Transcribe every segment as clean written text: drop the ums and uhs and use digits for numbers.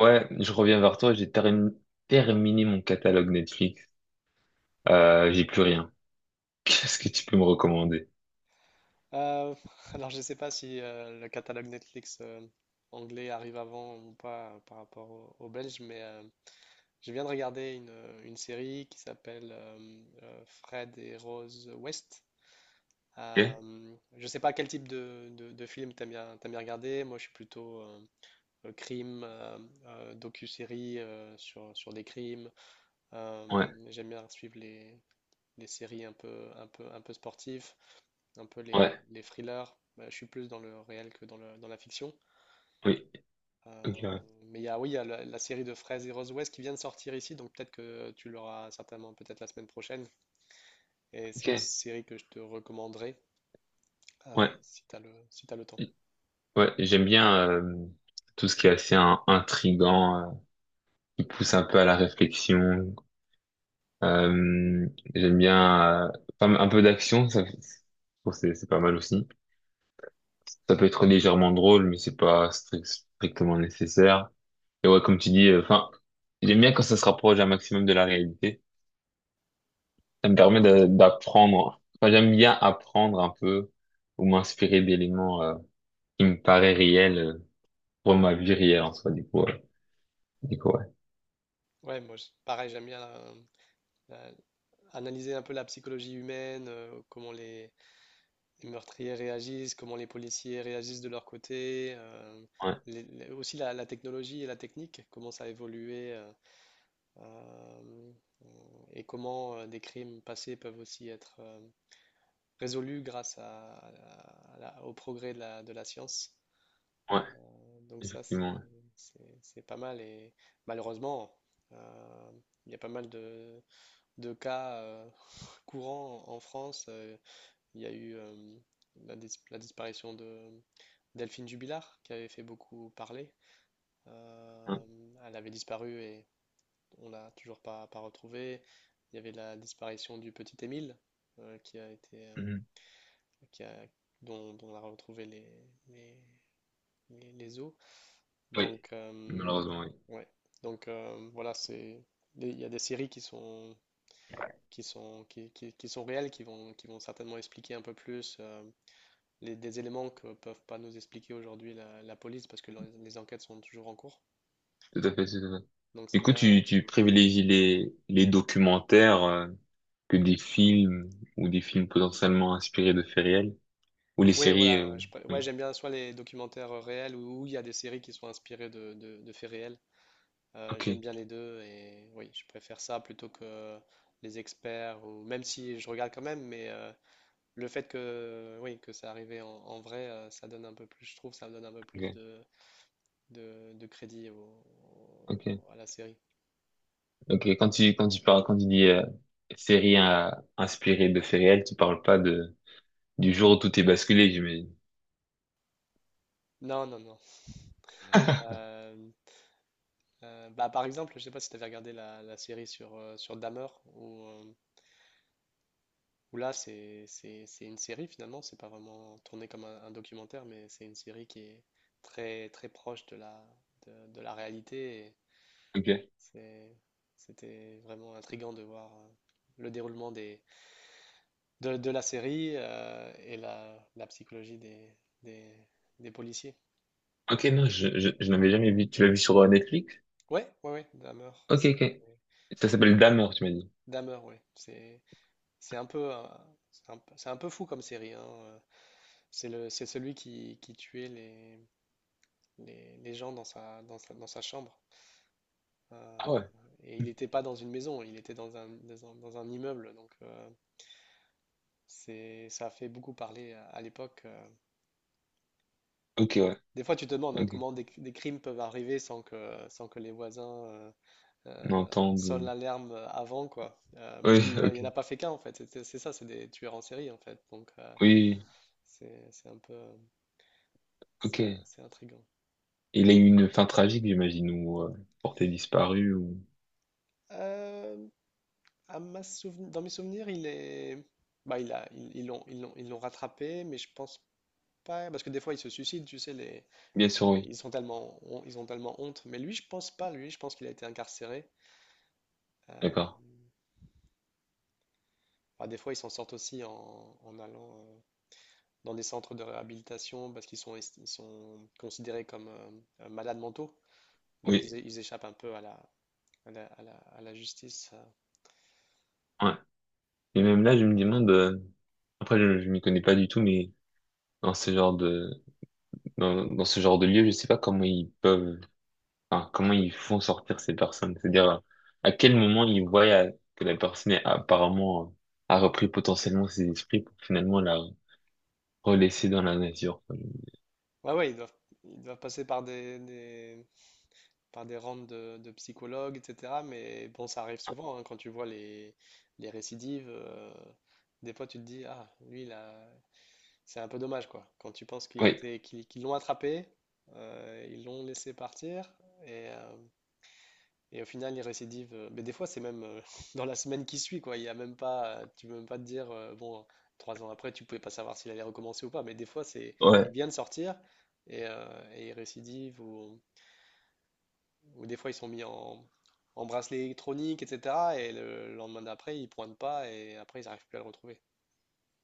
Ouais, je reviens vers toi, terminé mon catalogue Netflix. J'ai plus rien. Qu'est-ce que tu peux me recommander? Euh, alors, je ne sais pas si le catalogue Netflix anglais arrive avant ou pas par rapport au belge, mais je viens de regarder une série qui s'appelle Fred et Rose West. Ok? Je ne sais pas quel type de film t'aimes bien regarder. Moi, je suis plutôt crime, docu-série sur des crimes. Ouais, J'aime bien suivre les séries un peu sportives, un peu les, ouais, les thrillers. Bah, je suis plus dans le réel que dans la fiction. oui. Ok, Euh, ouais. mais oui, il y a la série de Fraise et Rose West qui vient de sortir ici, donc peut-être que tu l'auras certainement peut-être la semaine prochaine. Et c'est une Ok. série que je te recommanderais Ouais, si si t'as le temps. ouais, j'aime bien tout ce qui est assez intriguant, qui pousse un peu à la réflexion. Euh, J'aime bien pas mal- un peu d'action, ça, je trouve que c'est pas mal aussi. Ça peut être légèrement drôle, mais c'est pas strict- strictement nécessaire. Et ouais, comme tu dis, enfin, j'aime bien quand ça se rapproche un maximum de la réalité. Ça me permet d'apprendre. Enfin, j'aime bien apprendre un peu ou m'inspirer d'éléments qui me paraissent réels pour ma vie réelle en soi. Du coup, ouais. Du coup, ouais. Ouais, moi, pareil, j'aime bien la- analyser un peu la psychologie humaine, comment les meurtriers réagissent, comment les policiers réagissent de leur côté, Ouais, aussi la technologie et la technique, comment ça a évolué euh, et comment des crimes passés peuvent aussi être résolus grâce à la- au progrès de la science. ouais, Donc ça, effectivement. C'est pas mal et malheureusement, euh, il y a pas mal de cas courants en France. Il y a eu la disparition de Delphine Jubilard, qui avait fait beaucoup parler. Ouais. Elle avait disparu et on l'a toujours pas retrouvée. Il y avait la disparition du petit Émile, qui a été, Ouais. Mhm. qui a- dont on a retrouvé les, les os. Oui, Donc, malheureusement, oui. ouais. Donc voilà, il y a des séries qui sont réelles, qui vont certainement expliquer un peu plus des éléments que peuvent pas nous expliquer aujourd'hui la police parce que les enquêtes sont toujours en cours. Tout à fait, tout à fait. Donc c'est Du coup, bien. tu euh, privilégies les documentaires que des films ou des films potentiellement inspirés de faits réels ou les Oui, séries. voilà. Euh, hmm. Ouais, j'aime bien soit les documentaires réels ou il y a des séries qui sont inspirées de faits réels. Ok, J'aime bien les deux et oui, je préfère ça plutôt que les experts ou même si je regarde quand même, mais le fait que oui que ça arrivait en vrai, ça donne un peu plus, je trouve, ça donne un peu plus ok, de crédit ok. À la série. Ok, quand tu parles, quand tu dis série inspirée de faits réels, tu parles pas de, du jour où tout est basculé, j'imagine. Non, non, non. Euh, Bah, par exemple, je sais pas si tu avais regardé la série sur Dahmer ou. Où là, c'est une série finalement, c'est pas vraiment tourné comme un documentaire, mais c'est une série qui est très très proche de de la réalité. Ok. c'est- C'était vraiment intriguant de voir le déroulement de la série et la psychologie des, des policiers. Ok, non, je n'avais jamais vu. Tu l'as vu sur Netflix? Ouais, ouais, ouais, Dahmer, Ok, ok. Ça s'appelle D'amour, tu m'as dit. Ouais, c'est un peu un- c'est un peu fou comme série, hein, c'est celui qui tuait les gens dans sa chambre. Ah Euh, ouais. et il n'était pas dans une maison, il était dans un immeuble. Donc ça a fait beaucoup parler à l'époque. Ok, ouais. Des fois, tu te demandes hein, Ok. comment des crimes peuvent arriver sans que les voisins N'entends sonnent de- l'alarme avant, quoi. Parce Oui, qu'il n'y ok. en a pas fait qu'un, en fait. C'est ça, c'est des tueurs en série, en fait. Donc Oui, c'est un peu. Ok. C'est intriguant. Il a eu une fin tragique, j'imagine, ou porté disparu, ou... Euh, Dans mes souvenirs, il est. Bah, il a... ils ils l'ont ils l'ont- ils l'ont rattrapé, mais je pense pas. Parce que des fois, ils se suicident, tu sais. Bien sûr, oui. Ils ont tellement honte. Mais lui, je pense pas. Lui, je pense qu'il a été incarcéré. Euh, D'accord. Bah, des fois, ils s'en sortent aussi en allant dans des centres de réhabilitation parce qu'ils sont... est- ils sont considérés comme malades mentaux. Donc, Oui. Ils échappent un peu à la justice. Ouais. Et même là, je me demande... après, je m'y connais pas du tout, mais dans ce genre de dans, dans ce genre de lieu, je sais pas comment ils peuvent, enfin, comment ils font sortir ces personnes. C'est-à-dire, à quel moment ils voient que la personne est apparemment, a repris potentiellement ses esprits pour finalement la relaisser dans la nature. Ouais, ouais, ils doivent passer par des rangs de psychologues, etc. Mais bon, ça arrive souvent hein, quand tu vois les récidives. Des fois, tu te dis, ah, lui, là, c'est un peu dommage, quoi. Quand tu penses Oui, qu'ils l'ont attrapé, ils l'ont laissé partir, et, euh, et au final, il récidive. Mais des fois, c'est même dans la semaine qui suit, quoi. Il y a même pas, Tu peux même pas te dire, bon, trois ans après, tu pouvais pas savoir s'il allait recommencer ou pas. Mais des fois, il ouais, vient de sortir et il récidive ou. Ou des fois, ils sont mis en bracelet électronique, etc. Et le lendemain d'après, ils pointent pas et après, ils n'arrivent plus à le retrouver.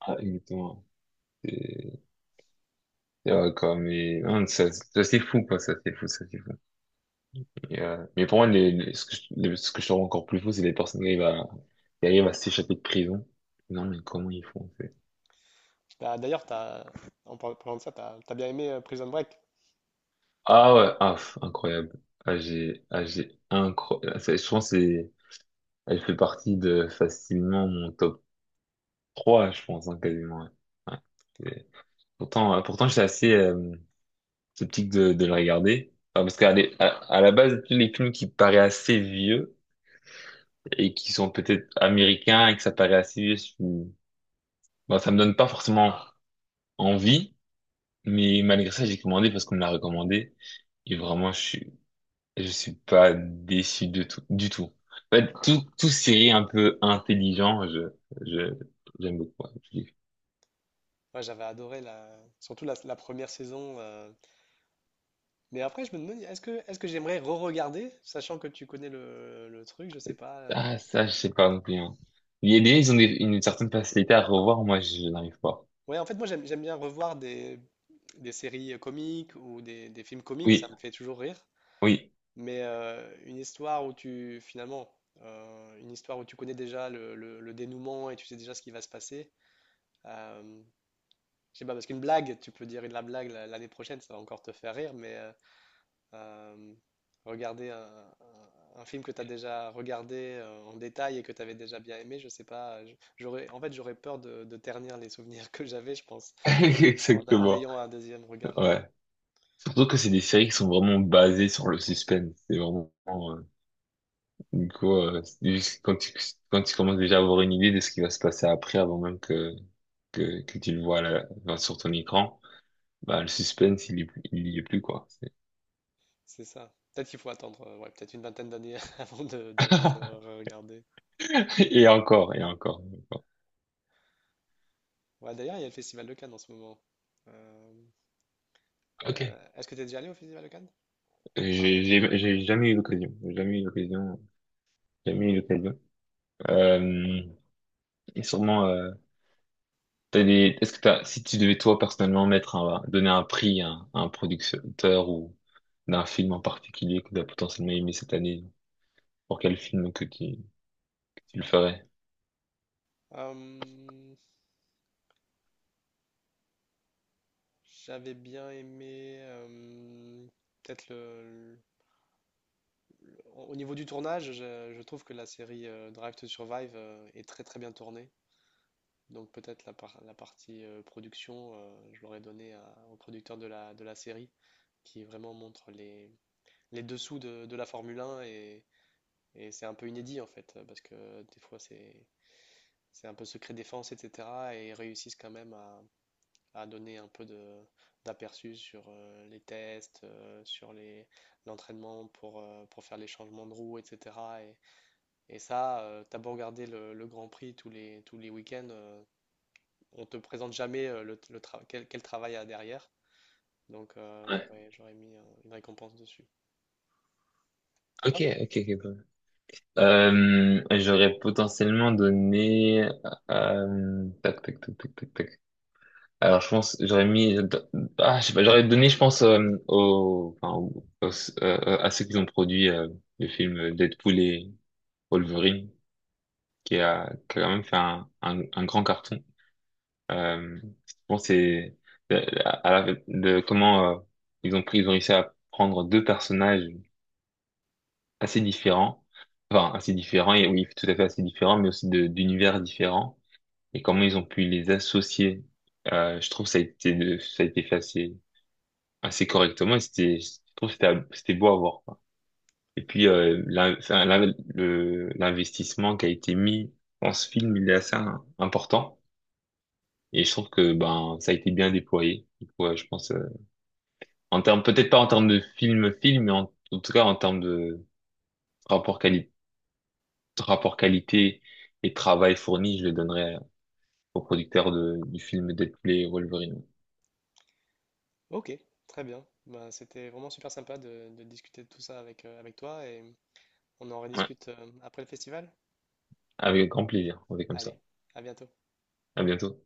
ah, exactement. C'est c'est vrai, quoi, mais non, ça c'est fou, quoi, ça c'est fou, ça c'est fou. Et, mais pour moi, ce que je, ce que je trouve encore plus fou, c'est les personnes qui arrivent à s'échapper de prison. Non, mais comment ils font? Bah, d'ailleurs, parlant de ça, t'as bien aimé Prison Break. Ah ouais, ah, pff, incroyable. J'ai incroyable. Je pense que c'est, elle fait partie de facilement mon top 3, je pense, hein, quasiment. Ouais. Ouais. Et pourtant, pourtant, j'étais assez sceptique de la regarder. Enfin, parce à la base, tous les films qui paraissent assez vieux et qui sont peut-être américains et que ça paraît assez vieux, bon, ça me donne pas forcément envie. Mais malgré ça, j'ai commandé parce qu'on me l'a recommandé. Et vraiment, je suis pas déçu de tout, du tout. En fait, tout, tout série un peu intelligent, je, j'aime beaucoup. Hein. Je dis, Moi, j'avais adoré surtout la première saison. Mais après, je me demande, est-ce que j'aimerais re-regarder, sachant que tu connais le truc, je sais pas. Ah, ça, je sais pas non plus. Hein. Il y a des gens, ils ont une certaine facilité à revoir. Moi, je n'arrive pas. Ouais, en fait, moi, j'aime bien revoir des séries comiques ou des films comiques, ça Oui, me fait toujours rire. oui. Mais une histoire où tu connais déjà le dénouement et tu sais déjà ce qui va se passer. euh, je sais pas, parce qu'une blague, tu peux dire de la blague l'année prochaine, ça va encore te faire rire, mais euh, regarder un film que tu as déjà regardé en détail et que tu avais déjà bien aimé, je sais pas, j'aurais peur de ternir les souvenirs que j'avais, je pense, en Exactement. ayant un deuxième regard. Mm. Ouais. Surtout que c'est des séries qui sont vraiment basées sur le suspense. C'est vraiment, du coup, c'est juste quand tu commences déjà à avoir une idée de ce qui va se passer après, avant même que tu le vois là, sur ton écran. Bah, le suspense, il y est plus, quoi. C'est- C'est ça. Peut-être qu'il faut attendre, ouais, peut-être une vingtaine d'années avant de regarder. Et encore, et encore, et encore. Ouais, d'ailleurs, il y a le Festival de Cannes en ce moment. Euh, Ok. Est-ce que tu es déjà allé au Festival de Cannes? J'ai jamais eu l'occasion. J'ai jamais eu l'occasion. Jamais eu l'occasion. Euh, et sûrement, t'as des, est-ce que t'as, si tu devais toi personnellement mettre un, donner un prix à un producteur ou d'un film en particulier que tu as potentiellement aimé cette année, pour quel film que tu le ferais? Euh, J'avais bien aimé, peut-être au niveau du tournage, je trouve que la série Drive to Survive est très très bien tournée. Donc peut-être la partie production, je l'aurais donnée au producteur de la série, qui vraiment montre les dessous de la Formule 1 et c'est un peu inédit en fait, parce que des fois c'est un peu secret défense, etc. Et ils réussissent quand même à donner un peu de d'aperçu sur les tests, sur les l'entraînement pour faire les changements de roue, etc. Et, et ça, t'as beau regarder le Grand Prix tous les week-ends, on te présente jamais quel travail il y a derrière. Donc Ouais. J'aurais mis une récompense dessus. Et Ok, toi? ok, ok. Cool. J'aurais potentiellement donné, tac, tac, tac, tac, tac, tac. Alors, je pense, j'aurais mis, ah, je sais pas, j'aurais donné, je pense, au, enfin, à ceux qui ont produit le film Deadpool et Wolverine, qui a quand même fait un grand carton. Euh, je pense que c'est euh, à la, de comment ils ont pris, ils ont réussi à prendre deux personnages assez différents, enfin assez différents et oui, tout à fait assez différents, mais aussi de d'univers différents et comment ils ont pu les associer. Je trouve que ça a été, ça a été fait assez correctement et c'était je trouve que c'était beau à voir quoi. Et puis l'investissement qui a été mis dans ce film il est assez important et je trouve que ben ça a été bien déployé. Du coup, ouais, je pense en termes peut-être pas en termes de film film mais en, en tout cas en termes de rapport qualité rapport qualité et travail fourni je le donnerais au producteur de, du film Deadpool et Wolverine. Ok, très bien. Bah, c'était vraiment super sympa de discuter de tout ça avec toi et on en Ouais, rediscute après le festival. avec grand plaisir on fait comme Allez, ça. à bientôt. À bientôt